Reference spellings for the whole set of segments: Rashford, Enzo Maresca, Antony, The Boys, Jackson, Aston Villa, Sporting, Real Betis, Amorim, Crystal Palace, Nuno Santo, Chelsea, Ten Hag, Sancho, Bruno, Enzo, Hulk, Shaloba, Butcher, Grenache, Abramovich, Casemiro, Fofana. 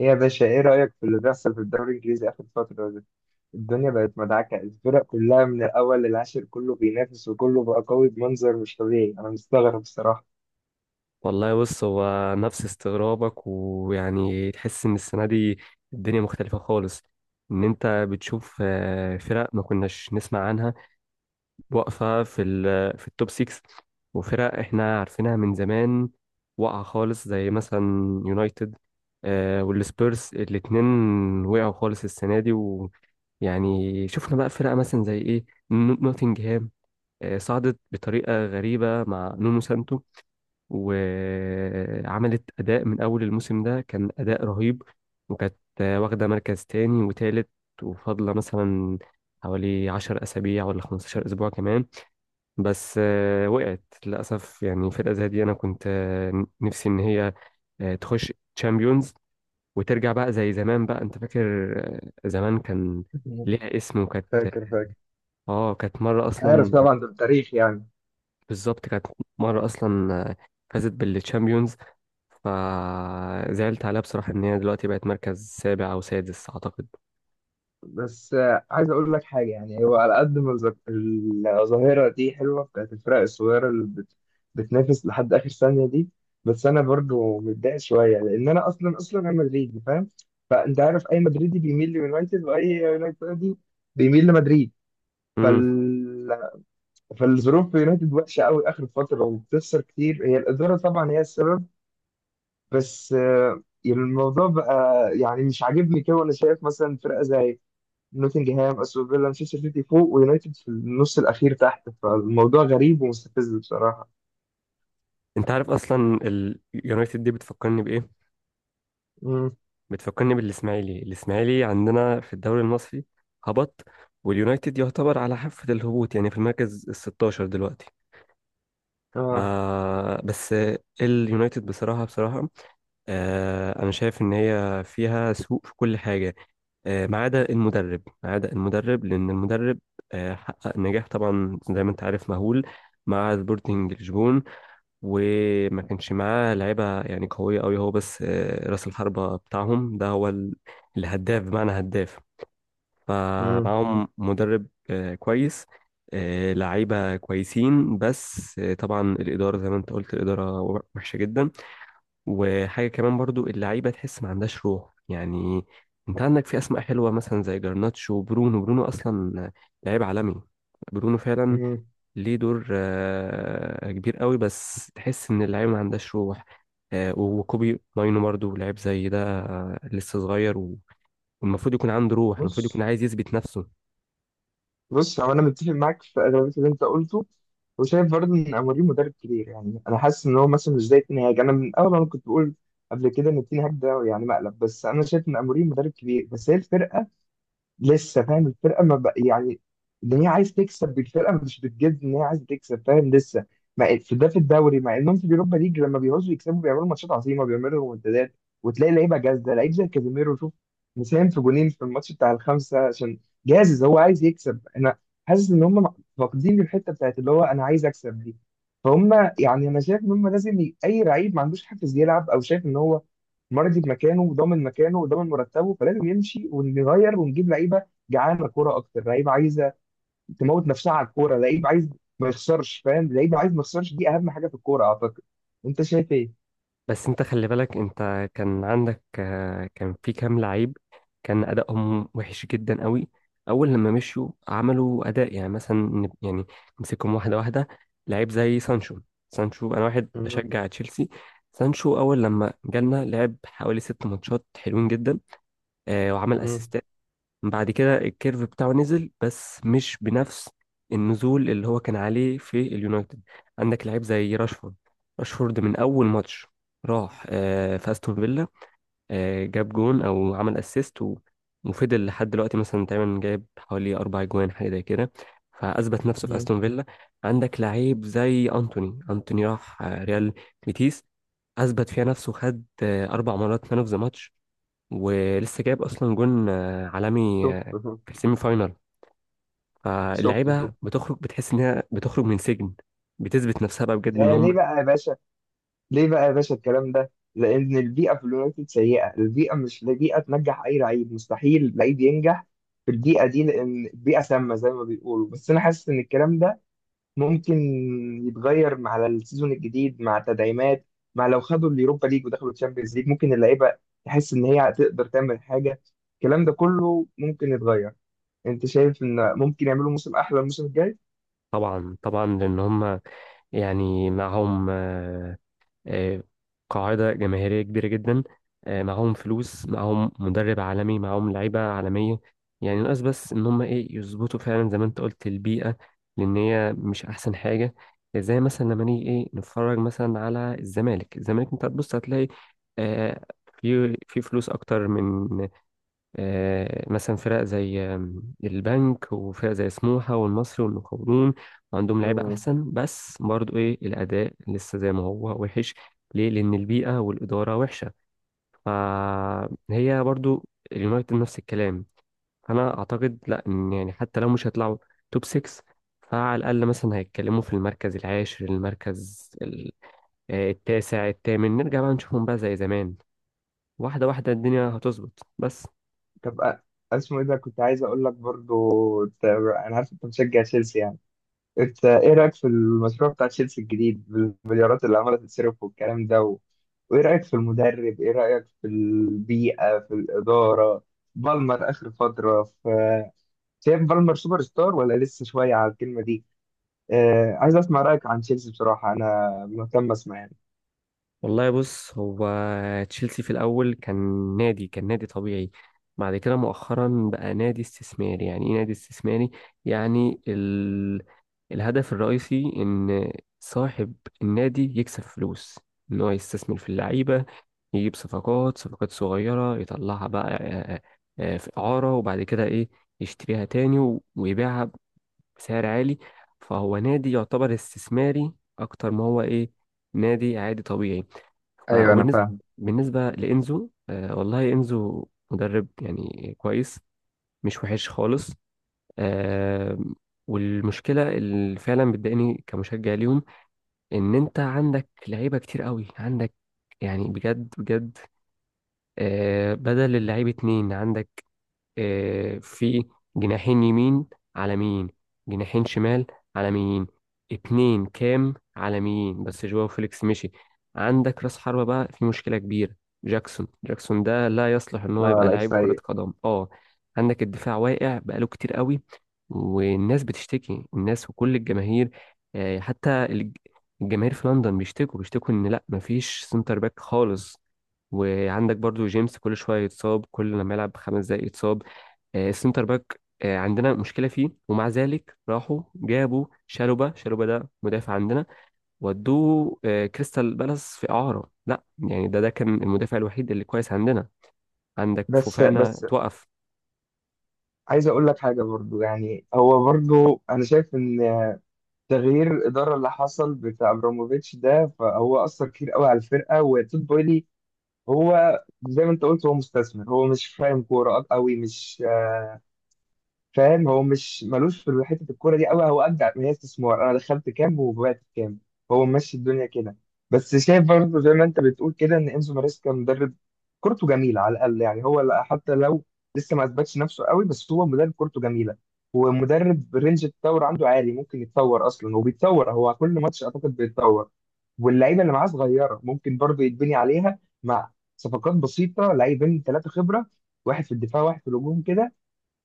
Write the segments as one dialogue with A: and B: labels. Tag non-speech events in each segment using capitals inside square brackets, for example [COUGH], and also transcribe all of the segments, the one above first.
A: إيه يا باشا، ايه رأيك في اللي بيحصل في الدوري الانجليزي اخر فترة دي؟ الدنيا بقت مدعكة، الفرق كلها من الاول للعاشر كله بينافس وكله بقى قوي بمنظر مش طبيعي. انا مستغرب الصراحة.
B: والله بص هو نفس استغرابك ويعني تحس ان السنه دي الدنيا مختلفه خالص. ان انت بتشوف فرق ما كناش نسمع عنها واقفه في التوب 6، وفرق احنا عارفينها من زمان واقعه خالص زي مثلا يونايتد والسبيرز الاتنين وقعوا خالص السنه دي. ويعني شفنا بقى فرق مثلا زي ايه، نوتنجهام صعدت بطريقه غريبه مع نونو سانتو، وعملت أداء من أول الموسم، ده كان أداء رهيب، وكانت واخدة مركز تاني وتالت، وفاضلة مثلا حوالي 10 أسابيع ولا 15 أسبوع كمان. بس وقعت للأسف. يعني فرقة زي دي أنا كنت نفسي إن هي تخش تشامبيونز وترجع بقى زي زمان. بقى أنت فاكر زمان كان
A: [LAUGHS]
B: ليها اسم وكانت،
A: فاكر
B: اه، كانت مرة
A: عارف
B: أصلا.
A: طبعا، ده التاريخ يعني.
B: بالظبط كانت مرة أصلا فازت بالتشامبيونز. فزعلت عليها بصراحة إن هي دلوقتي بقت مركز سابع أو سادس أعتقد.
A: بس عايز اقول لك حاجه، يعني هو على قد ما الظاهره دي حلوه، بتاعت الفرق الصغيره اللي بتنافس لحد اخر ثانيه دي، بس انا برضو متضايق شويه لان انا اصلا انا مدريدي، فاهم؟ فانت عارف اي مدريدي بيميل ليونايتد، واي يونايتدي بيميل لمدريد.
B: امم
A: فال... فالظروف في يونايتد وحشه قوي اخر فتره، وبتخسر كتير، هي الاداره طبعا هي السبب. بس الموضوع بقى يعني مش عاجبني كده، وانا شايف مثلا فرقه زي نوتنجهام، استون فيلا، مانشستر سيتي فوق، ويونايتد في النص الاخير تحت. فالموضوع غريب ومستفز بصراحه.
B: أنت عارف أصلا اليونايتد دي بتفكرني بإيه؟
A: امم
B: بتفكرني بالإسماعيلي. الإسماعيلي عندنا في الدوري المصري هبط، واليونايتد يعتبر على حافة الهبوط يعني في المركز ال 16 دلوقتي.
A: اه.
B: آه بس اليونايتد بصراحة بصراحة، أنا شايف إن هي فيها سوء في كل حاجة ما عدا المدرب. ما عدا المدرب لأن المدرب حقق نجاح طبعا زي ما أنت عارف مهول مع سبورتنج لشبون. وما كانش معاه لعيبة يعني قوية أوي هو، بس رأس الحربة بتاعهم ده هو الهداف بمعنى هداف.
A: امم
B: فمعاهم مدرب كويس، لعيبة كويسين. بس طبعا الإدارة زي ما أنت قلت، الإدارة وحشة جدا. وحاجة كمان برضو اللعيبة تحس ما عندهاش روح. يعني انت عندك في اسماء حلوة مثلا زي جرناتشو وبرونو. برونو اصلا لعيب عالمي، برونو فعلا
A: امم
B: ليه دور كبير قوي، بس تحس ان اللعيبة ما عندهاش روح. وكوبي ماينو برضو لعيب زي ده لسه صغير والمفروض يكون عنده روح، المفروض يكون
A: بص،
B: عايز يثبت نفسه.
A: بص هو انا متفق معاك في اغلبيه اللي انت قلته، وشايف برضه ان اموري مدرب كبير. يعني انا حاسس ان هو مثلا مش زي تين هاج، انا من اول انا كنت بقول قبل كده ان تين هاج ده يعني مقلب. بس انا شايف ان اموري مدرب كبير، بس هي الفرقه لسه، فاهم؟ الفرقه ما بق... يعني ان هي عايز تكسب بالفرقه، مش بتجد ان هي عايز تكسب، فاهم؟ لسه ما في ده في الدوري، مع انهم في اليوروبا ليج لما بيعوزوا يكسبوا بيعملوا ماتشات عظيمه، بيعملوا رومنتادات، وتلاقي لعيبه جاهزه، لعيب زي كازيميرو شوف مساهم في جونين في الماتش بتاع الخمسه، عشان جاهز هو عايز يكسب. انا حاسس ان هم فاقدين الحته بتاعت اللي هو انا عايز اكسب دي، فهم. يعني انا شايف ان هم لازم اي لعيب ما عندوش حافز يلعب، او شايف ان هو مرضي بمكانه وضامن مكانه وضامن مرتبه، فلازم يمشي ونغير ونجيب لعيبه جعانه كوره اكتر، لعيبه عايزه تموت نفسها على الكوره، لعيب عايز ما يخسرش، فاهم؟ لعيب عايز ما يخسرش دي اهم حاجه في الكوره اعتقد. انت شايف ايه؟
B: بس انت خلي بالك انت كان عندك كان في كام لعيب كان ادائهم وحش جدا قوي اول لما مشوا. عملوا اداء يعني مثلا يعني نمسكهم واحده واحده. لعيب زي سانشو، سانشو انا واحد
A: مم.
B: بشجع تشيلسي، سانشو اول لما جالنا لعب حوالي 6 ماتشات حلوين جدا وعمل
A: مم.
B: اسيستات. بعد كده الكيرف بتاعه نزل بس مش بنفس النزول اللي هو كان عليه في اليونايتد. عندك لعيب زي راشفورد. راشفورد من اول ماتش راح في استون فيلا جاب جون او عمل اسيست وفضل لحد دلوقتي مثلا تقريبا جايب حوالي 4 جوان حاجه زي كده، فاثبت نفسه في
A: مم.
B: استون فيلا. عندك لعيب زي انتوني. انتوني راح ريال بيتيس، اثبت فيها نفسه، خد 4 مرات مان اوف ذا ماتش، ولسه جايب اصلا جون عالمي
A: شفت شفت
B: في السيمي فاينال.
A: شفت
B: فاللعيبه
A: شفت
B: بتخرج بتحس انها بتخرج من سجن، بتثبت نفسها بقى بجد ان
A: ده ليه
B: هم.
A: بقى يا باشا؟ ليه بقى يا باشا الكلام ده؟ لان البيئه في اليونايتد سيئه، البيئه مش بيئه تنجح، اي لعيب مستحيل لعيب ينجح في البيئه دي لان البيئه سامه زي ما بيقولوا. بس انا حاسس ان الكلام ده ممكن يتغير مع السيزون الجديد، مع تدعيمات، مع لو خدوا اليوروبا ليج ودخلوا الشامبيونز ليج، ممكن اللعيبه تحس ان هي هتقدر تعمل حاجه. الكلام ده كله ممكن يتغير. انت شايف ان ممكن يعملوا موسم احلى الموسم الجاي؟
B: طبعا طبعا لان هم يعني معاهم آه، قاعدة جماهيرية كبيرة جدا، معاهم فلوس، معاهم مدرب عالمي، معاهم لعيبة عالمية. يعني ناقص بس إن هم إيه، يظبطوا فعلا زي ما أنت قلت البيئة، لأن هي مش أحسن حاجة. زي مثلا لما نيجي إيه نتفرج مثلا على الزمالك. الزمالك أنت هتبص هتلاقي آه، في فلوس أكتر من مثلا فرق زي البنك وفرق زي سموحة والمصري والمقاولون، عندهم لعيبة
A: مم.
B: أحسن، بس برضو إيه الأداء لسه زي ما هو وحش. ليه؟ لأن البيئة والإدارة وحشة. فهي برضو اليونايتد نفس الكلام. فأنا أعتقد لأ، إن يعني حتى لو مش هيطلعوا توب 6 فعلى الأقل مثلا هيتكلموا في المركز العاشر، المركز التاسع، التامن، نرجع بقى نشوفهم بقى زي زمان، واحدة واحدة الدنيا هتظبط بس.
A: طب اسمه ايه ده، كنت عايز اقول لك برضو، انا عارف انت مشجع تشيلسي يعني. انت ايه رايك في المشروع بتاع تشيلسي الجديد بالمليارات اللي عماله تتصرف والكلام ده وايه رايك في المدرب؟ ايه رايك في البيئه، في الاداره، بالمر اخر فتره؟ ف شايف بالمر سوبر ستار ولا لسه شويه على الكلمه دي؟ عايز اسمع رايك عن تشيلسي بصراحه، انا مهتم اسمع يعني.
B: والله بص هو تشيلسي في الأول كان نادي، كان نادي طبيعي. بعد كده مؤخرا بقى نادي استثماري. يعني إيه نادي استثماري؟ يعني الهدف الرئيسي إن صاحب النادي يكسب فلوس، إن هو يستثمر في اللعيبة، يجيب صفقات، صفقات صغيرة يطلعها بقى في إعارة، وبعد كده إيه يشتريها تاني ويبيعها بسعر عالي. فهو نادي يعتبر استثماري اكتر ما هو ايه، نادي عادي طبيعي.
A: ايوه انا
B: فبالنسبه،
A: فاهم.
B: بالنسبه لانزو، والله انزو مدرب يعني كويس، مش وحش خالص. آه والمشكله اللي فعلا بتضايقني كمشجع ليهم ان انت عندك لعيبه كتير قوي. عندك يعني بجد بجد بدل اللعيب اتنين. عندك في جناحين يمين على مين، جناحين شمال على مين، اتنين كام على مين، بس جواو فيليكس مشي. عندك راس حربة بقى في مشكلة كبيرة. جاكسون، جاكسون ده لا يصلح ان
A: لا
B: هو يبقى
A: لعيب
B: لعيب كرة
A: سيء.
B: قدم، اه. عندك الدفاع واقع بقاله كتير قوي، والناس بتشتكي، الناس وكل الجماهير حتى الجماهير في لندن بيشتكوا، بيشتكوا ان لا مفيش سنتر باك خالص. وعندك برضو جيمس كل شوية يتصاب، كل لما يلعب 5 دقايق يتصاب. السنتر باك عندنا مشكلة فيه، ومع ذلك راحوا جابوا شالوبا. شالوبا ده مدافع عندنا ودوه كريستال بالاس في إعارة، لا يعني ده كان المدافع الوحيد اللي كويس عندنا. عندك
A: بس
B: فوفانا
A: بس
B: توقف.
A: عايز اقول لك حاجه برضو. يعني هو برضو انا شايف ان تغيير الإدارة اللي حصل بتاع أبراموفيتش ده، فهو أثر كتير قوي على الفرقة. وتود بويلي هو زي ما أنت قلت هو مستثمر، هو مش فاهم كورة قوي، مش فاهم، هو مش ملوش في حته الكوره دي قوي، هو ابدع ما هي استثمار، انا دخلت كام وبعت كام، هو ماشي الدنيا كده. بس شايف برضه زي ما انت بتقول كده ان انزو ماريسكا مدرب كورته جميله على الاقل، يعني هو حتى لو لسه ما اثبتش نفسه قوي، بس هو مدرب كورته جميله، ومدرب رينج التطور عنده عالي، ممكن يتطور اصلا، وبيتطور هو كل ماتش اعتقد بيتطور. واللعيبه اللي معاه صغيره، ممكن برضه يتبني عليها مع صفقات بسيطه، لعيبين ثلاثه خبره، واحد في الدفاع واحد في الهجوم كده.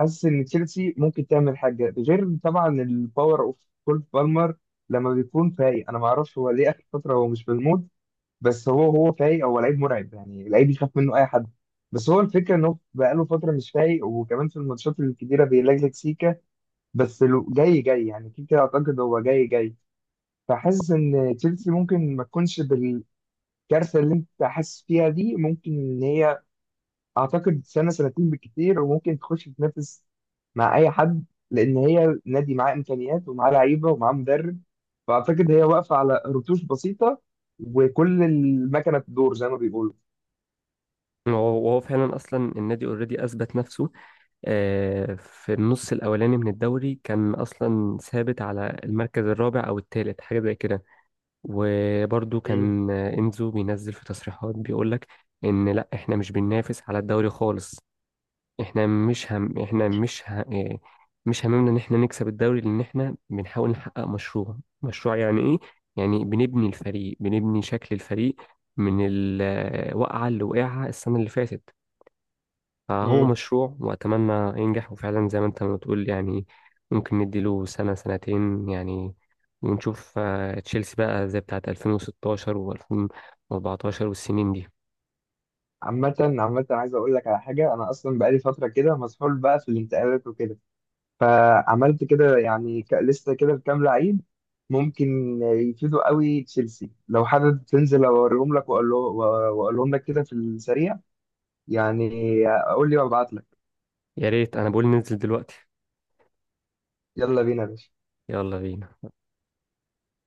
A: حاسس ان تشيلسي ممكن تعمل حاجه، غير طبعا الباور اوف كول بالمر لما بيكون فايق. انا ما اعرفش هو ليه اخر فتره هو مش في المود، بس هو هو فايق هو لعيب مرعب، يعني لعيب يخاف منه اي حد، بس هو الفكره انه بقاله فتره مش فايق، وكمان في الماتشات الكبيره بيلجلج سيكا، بس جاي يعني كيكا اعتقد هو جاي. فحاسس ان تشيلسي ممكن ما تكونش بالكارثه اللي انت حاسس فيها دي، ممكن ان هي اعتقد سنه سنتين بالكتير وممكن تخش تنافس مع اي حد، لان هي نادي معاه امكانيات ومعاه لعيبه ومعاه مدرب. فاعتقد هي واقفه على رتوش بسيطه، وكل المكنه تدور زي ما بيقولوا.
B: وهو، وهو فعلا اصلا النادي اوريدي اثبت نفسه في النص الاولاني من الدوري. كان اصلا ثابت على المركز الرابع او الثالث حاجه زي كده. وبرده
A: مم.
B: كان انزو بينزل في تصريحات بيقول لك ان لا احنا مش بننافس على الدوري خالص، احنا مش هم، احنا مش ه... إيه، مش هممنا ان احنا نكسب الدوري، لان احنا بنحاول نحقق مشروع. مشروع يعني ايه؟ يعني بنبني الفريق، بنبني شكل الفريق من الوقعة اللي وقعها السنة اللي فاتت. فهو
A: مم.
B: مشروع واتمنى ينجح. وفعلا زي ما انت ما بتقول يعني ممكن نديله سنة سنتين يعني، ونشوف تشيلسي بقى زي بتاعت 2016 و2014 والسنين دي.
A: عامة عايز أقول لك على حاجة، أنا أصلا بقالي فترة كده مسحول بقى في الانتقالات وكده، فعملت كده يعني لسه كده بكام لعيب ممكن يفيدوا قوي تشيلسي. لو حابب تنزل أوريهم لك، وأقولهم لك كده في السريع يعني، قول لي وابعت لك.
B: يا ريت، انا بقول ننزل دلوقتي.
A: يلا بينا يا باشا.
B: يلا بينا.